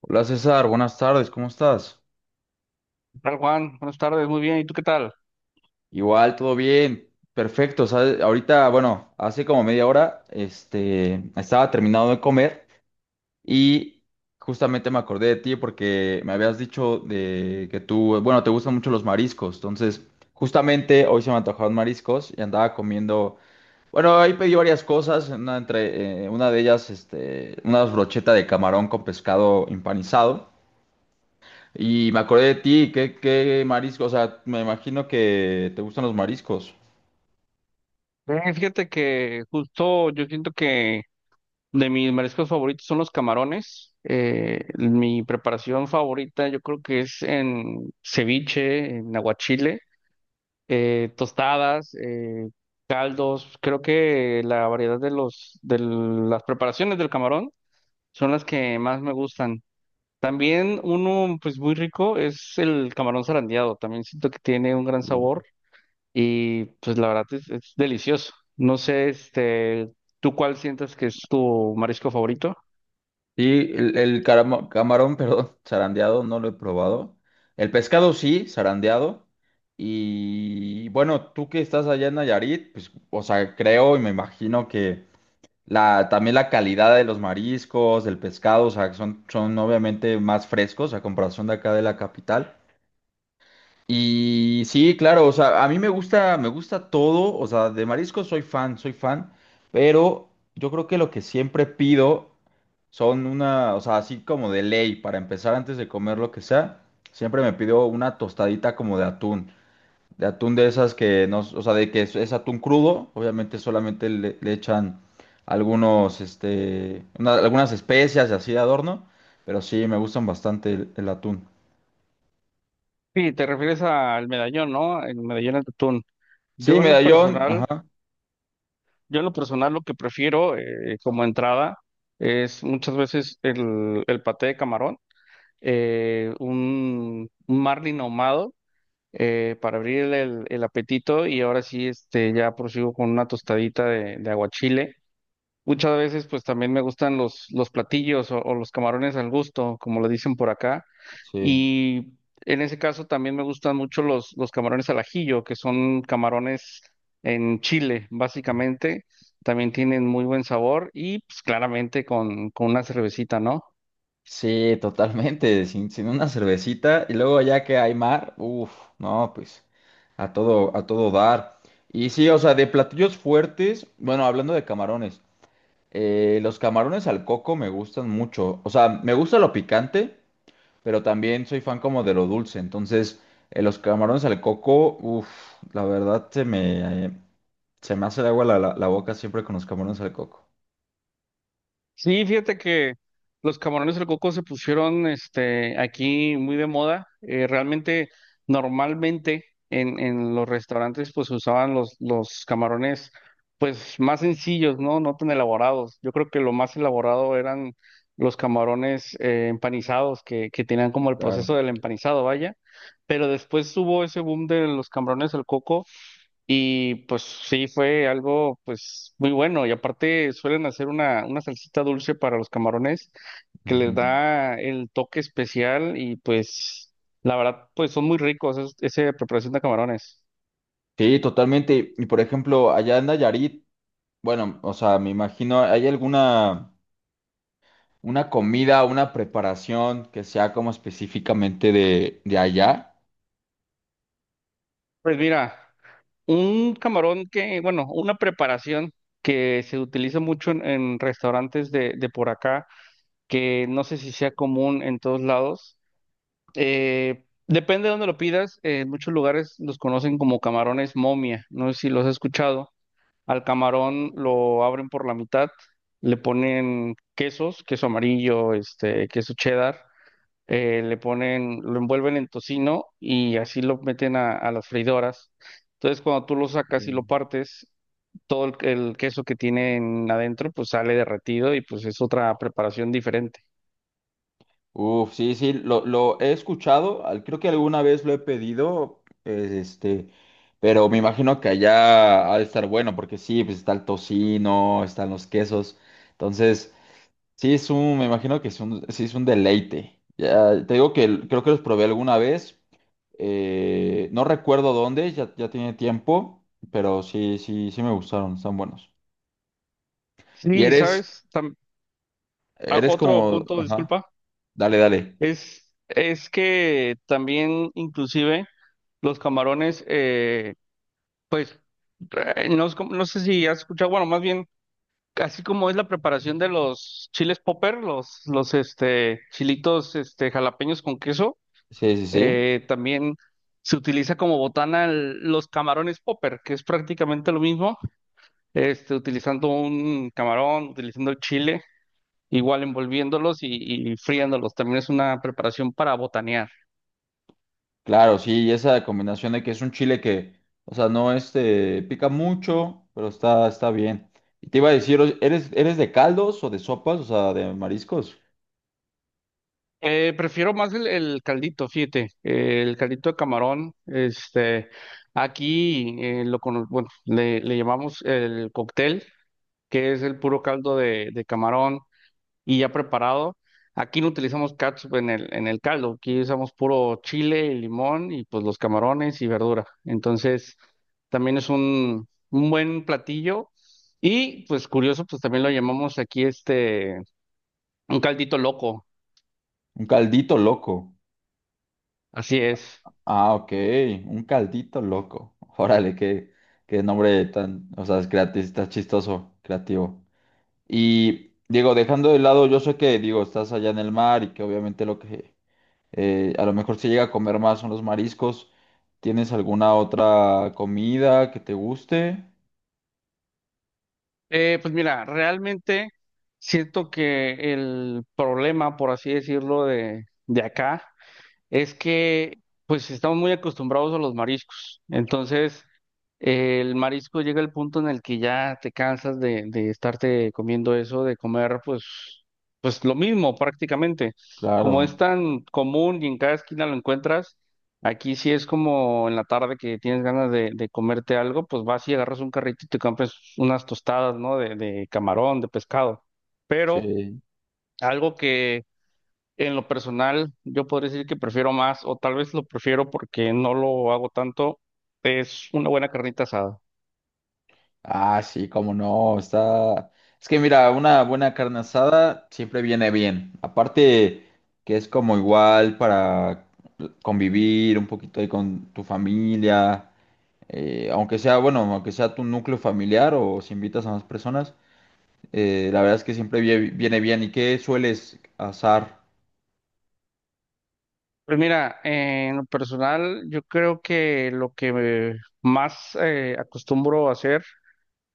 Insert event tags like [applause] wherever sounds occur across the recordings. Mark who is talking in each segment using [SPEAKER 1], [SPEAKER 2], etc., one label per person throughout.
[SPEAKER 1] Hola César, buenas tardes, ¿cómo estás?
[SPEAKER 2] ¿Qué tal, Juan? Buenas tardes, muy bien. ¿Y tú qué tal?
[SPEAKER 1] Igual, todo bien, perfecto. ¿Sabes? Ahorita, bueno, hace como media hora, estaba terminado de comer y justamente me acordé de ti porque me habías dicho de que tú, bueno, te gustan mucho los mariscos. Entonces, justamente hoy se me antojaron mariscos y andaba comiendo. Bueno, ahí pedí varias cosas, una de ellas, una brocheta de camarón con pescado empanizado. Y me acordé de ti, ¿qué marisco? O sea, me imagino que te gustan los mariscos.
[SPEAKER 2] Bien, fíjate que justo yo siento que de mis mariscos favoritos son los camarones. Mi preparación favorita yo creo que es en ceviche, en aguachile, tostadas, caldos. Creo que la variedad de de las preparaciones del camarón son las que más me gustan. También uno pues muy rico es el camarón zarandeado. También siento que tiene un gran sabor. Y pues la verdad es delicioso. No sé, ¿tú cuál sientes que es tu marisco favorito?
[SPEAKER 1] Sí, el camarón, [laughs] perdón, zarandeado, no lo he probado. El pescado sí, zarandeado. Y bueno, tú que estás allá en Nayarit, pues, o sea, creo y me imagino que también la calidad de los mariscos, del pescado, o sea, que son obviamente más frescos a comparación de acá de la capital. Y sí, claro, o sea, a mí me gusta todo, o sea, de mariscos soy fan, pero yo creo que lo que siempre pido son o sea, así como de ley, para empezar antes de comer lo que sea, siempre me pido una tostadita como de atún de esas que no, o sea, de que es atún crudo, obviamente solamente le echan algunos, algunas especias y así de adorno, pero sí, me gustan bastante el atún.
[SPEAKER 2] Sí, te refieres al medallón, ¿no? El medallón de atún.
[SPEAKER 1] Sí,
[SPEAKER 2] Yo en lo
[SPEAKER 1] medallón,
[SPEAKER 2] personal,
[SPEAKER 1] ajá,
[SPEAKER 2] yo en lo personal lo que prefiero como entrada es muchas veces el paté de camarón, un marlin ahumado, para abrir el apetito y ahora sí, ya prosigo con una tostadita de aguachile. Muchas veces pues también me gustan los platillos o los camarones al gusto, como le dicen por acá.
[SPEAKER 1] sí.
[SPEAKER 2] Y en ese caso también me gustan mucho los camarones al ajillo, que son camarones en chile, básicamente. También tienen muy buen sabor y pues claramente con una cervecita, ¿no?
[SPEAKER 1] Sí, totalmente, sin una cervecita y luego ya que hay mar, uff, no, pues a todo dar. Y sí, o sea, de platillos fuertes, bueno, hablando de camarones, los camarones al coco me gustan mucho, o sea, me gusta lo picante, pero también soy fan como de lo dulce, entonces los camarones al coco, uff, la verdad se me hace de agua la boca siempre con los camarones al coco.
[SPEAKER 2] Sí, fíjate que los camarones al coco se pusieron aquí muy de moda. Normalmente en los restaurantes pues se usaban los camarones pues más sencillos, ¿no? No tan elaborados. Yo creo que lo más elaborado eran los camarones empanizados que tenían como el proceso
[SPEAKER 1] Claro.
[SPEAKER 2] del empanizado, vaya. Pero después hubo ese boom de los camarones al coco y pues sí, fue algo pues muy bueno. Y aparte suelen hacer una salsita dulce para los camarones que les
[SPEAKER 1] Ujú.
[SPEAKER 2] da el toque especial y pues la verdad pues son muy ricos esa preparación de camarones.
[SPEAKER 1] Sí, totalmente. Y por ejemplo, allá en Nayarit, bueno, o sea, me imagino, ¿hay alguna una comida, una preparación que sea como específicamente de allá?
[SPEAKER 2] Pues mira, un camarón que, bueno, una preparación que se utiliza mucho en restaurantes de por acá, que no sé si sea común en todos lados. Depende de dónde lo pidas. En muchos lugares los conocen como camarones momia. No sé si los has escuchado. Al camarón lo abren por la mitad, le ponen quesos, queso amarillo, queso cheddar, lo envuelven en tocino y así lo meten a las freidoras. Entonces, cuando tú lo sacas y lo
[SPEAKER 1] Em,
[SPEAKER 2] partes, todo el queso que tienen adentro, pues sale derretido y pues es otra preparación diferente.
[SPEAKER 1] Uf, sí, sí, lo he escuchado, al- creo que alguna vez lo he pedido, pero me imagino que allá ha de estar bueno, porque sí, pues está el tocino, están los quesos, entonces sí, me imagino que es un, sí, es un deleite. Ya, te digo que el- creo que los probé alguna vez. No recuerdo dónde, ya, ya tiene tiempo, pero sí, sí, sí me gustaron, están buenos. Y
[SPEAKER 2] Sí,
[SPEAKER 1] eres,
[SPEAKER 2] ¿sabes? Ah,
[SPEAKER 1] eres
[SPEAKER 2] otro
[SPEAKER 1] como,
[SPEAKER 2] punto,
[SPEAKER 1] ajá,
[SPEAKER 2] disculpa.
[SPEAKER 1] dale, dale.
[SPEAKER 2] Es que también inclusive los camarones, pues, no, es como... no sé si has escuchado, bueno, más bien, así como es la preparación de los chiles popper, los, chilitos jalapeños con queso,
[SPEAKER 1] Sí, sí, sí.
[SPEAKER 2] también se utiliza como botana los camarones popper, que es prácticamente lo mismo, utilizando un camarón, utilizando el chile, igual envolviéndolos y friéndolos. También es una preparación para botanear.
[SPEAKER 1] Claro, sí, y esa combinación de que es un chile que, o sea, no pica mucho, pero está bien. Y te iba a decir, ¿eres de caldos o de sopas? O sea, de mariscos.
[SPEAKER 2] Prefiero más el caldito, fíjate, el caldito de camarón, aquí bueno, le llamamos el cóctel, que es el puro caldo de camarón y ya preparado. Aquí no utilizamos catsup en en el caldo, aquí usamos puro chile y limón y pues los camarones y verdura. Entonces, también es un buen platillo y pues curioso, pues también lo llamamos aquí un caldito loco,
[SPEAKER 1] Un caldito loco.
[SPEAKER 2] así es.
[SPEAKER 1] Ah, ok, un caldito loco. [laughs] Órale, qué, qué nombre tan, o sea, es creati- está chistoso, creativo. Y digo, dejando de lado, yo sé que, digo, estás allá en el mar y que obviamente lo que a lo mejor se llega a comer más son los mariscos. ¿Tienes alguna otra comida que te guste?
[SPEAKER 2] Pues mira, realmente siento que el problema, por así decirlo, de acá es que pues estamos muy acostumbrados a los mariscos. Entonces, el marisco llega al punto en el que ya te cansas de estarte comiendo eso, de comer pues lo mismo prácticamente. Como es
[SPEAKER 1] Claro,
[SPEAKER 2] tan común y en cada esquina lo encuentras, aquí sí es como en la tarde que tienes ganas de comerte algo, pues vas y agarras un carrito y te compras unas tostadas, ¿no? De camarón, de pescado. Pero
[SPEAKER 1] sí.
[SPEAKER 2] algo que en lo personal yo podría decir que prefiero más, o tal vez lo prefiero porque no lo hago tanto, es una buena carnita asada.
[SPEAKER 1] Ah, sí, cómo no, está... Es que mira, una buena carne asada siempre viene bien. Aparte que es como igual para convivir un poquito ahí con tu familia, aunque sea, bueno, aunque sea tu núcleo familiar o si invitas a más personas, la verdad es que siempre vie- viene bien. ¿Y qué sueles asar?
[SPEAKER 2] Pues mira, en lo personal, yo creo que lo que me más acostumbro a hacer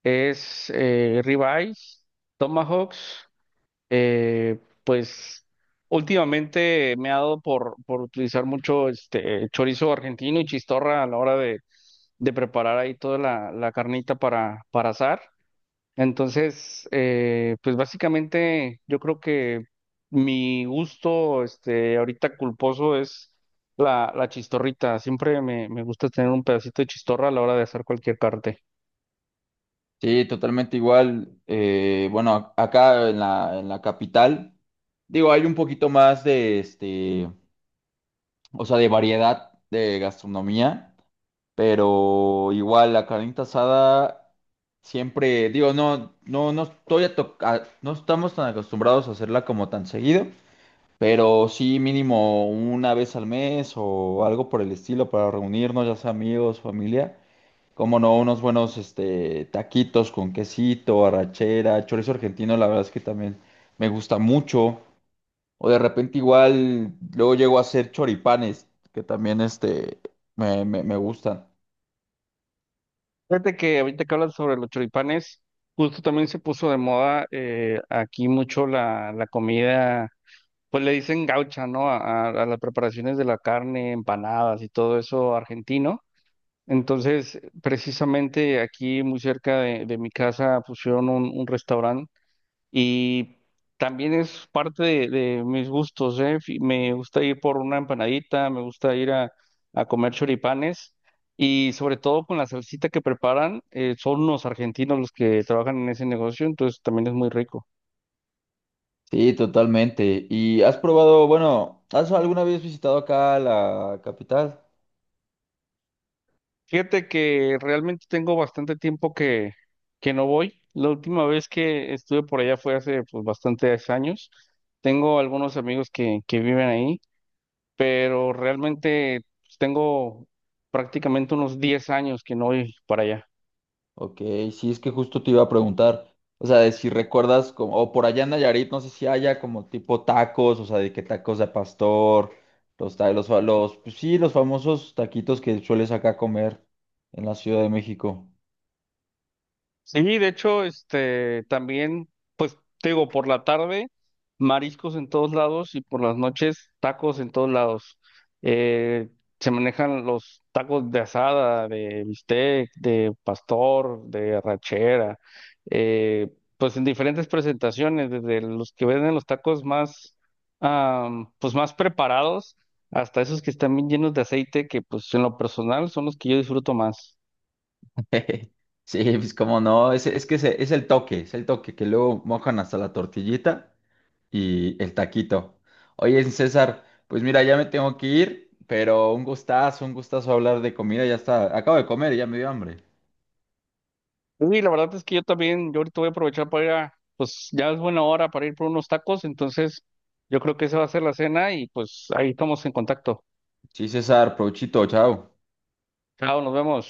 [SPEAKER 2] es ribeyes, tomahawks. Pues últimamente me ha dado por utilizar mucho este chorizo argentino y chistorra a la hora de preparar ahí toda la carnita para asar. Entonces, pues básicamente yo creo que mi gusto, ahorita culposo es la chistorrita. Siempre me gusta tener un pedacito de chistorra a la hora de hacer cualquier parte.
[SPEAKER 1] Sí, totalmente igual. Bueno, acá en la capital, digo, hay un poquito más de o sea, de variedad de gastronomía, pero igual la carnita asada siempre, digo, no, no, no estoy a to- a- no estamos tan acostumbrados a hacerla como tan seguido, pero sí mínimo una vez al mes o algo por el estilo para reunirnos, ya sea amigos, familia. Como no, unos buenos taquitos con quesito, arrachera, chorizo argentino, la verdad es que también me gusta mucho. O de repente igual luego llego a hacer choripanes, que también me gustan.
[SPEAKER 2] Fíjate que ahorita que hablas sobre los choripanes, justo también se puso de moda aquí mucho la comida, pues le dicen gaucha, ¿no? A las preparaciones de la carne, empanadas y todo eso argentino. Entonces, precisamente aquí muy cerca de mi casa pusieron un restaurante y también es parte de mis gustos, ¿eh? Me gusta ir por una empanadita, me gusta ir a comer choripanes y sobre todo con la salsita que preparan, son los argentinos los que trabajan en ese negocio, entonces también es muy rico.
[SPEAKER 1] Sí, totalmente. ¿Y has probado, bueno, has alguna vez visitado acá la capital?
[SPEAKER 2] Fíjate que realmente tengo bastante tiempo que no voy. La última vez que estuve por allá fue hace pues, bastantes años. Tengo algunos amigos que viven ahí, pero realmente pues, tengo prácticamente unos 10 años que no voy para allá.
[SPEAKER 1] Ok, sí, es que justo te iba a preguntar, o sea, de si recuerdas como, o por allá en Nayarit, no sé si haya como tipo tacos, o sea, de que tacos de pastor, los, ta- los, fa- los, pues sí, los famosos taquitos que sueles acá comer en la Ciudad de México.
[SPEAKER 2] Sí, de hecho, también, pues, te digo, por la tarde, mariscos en todos lados y por las noches, tacos en todos lados. Eh, Se manejan los tacos de asada, de bistec, de pastor, de arrachera, eh, pues en diferentes presentaciones, desde los que venden los tacos más, pues, más preparados hasta esos que están bien llenos de aceite, que, pues, en lo personal son los que yo disfruto más.
[SPEAKER 1] [laughs] Sí, pues como no, es el toque, que luego mojan hasta la tortillita y el taquito. Oye, César, pues mira, ya me tengo que ir, pero un gustazo hablar de comida, ya está, acabo de comer, y ya me dio hambre.
[SPEAKER 2] Pues sí, la verdad es que yo también, yo ahorita voy a aprovechar para ir a, pues ya es buena hora para ir por unos tacos, entonces yo creo que esa va a ser la cena y pues ahí estamos en contacto.
[SPEAKER 1] Sí, César, provechito, chao.
[SPEAKER 2] Chao, nos vemos.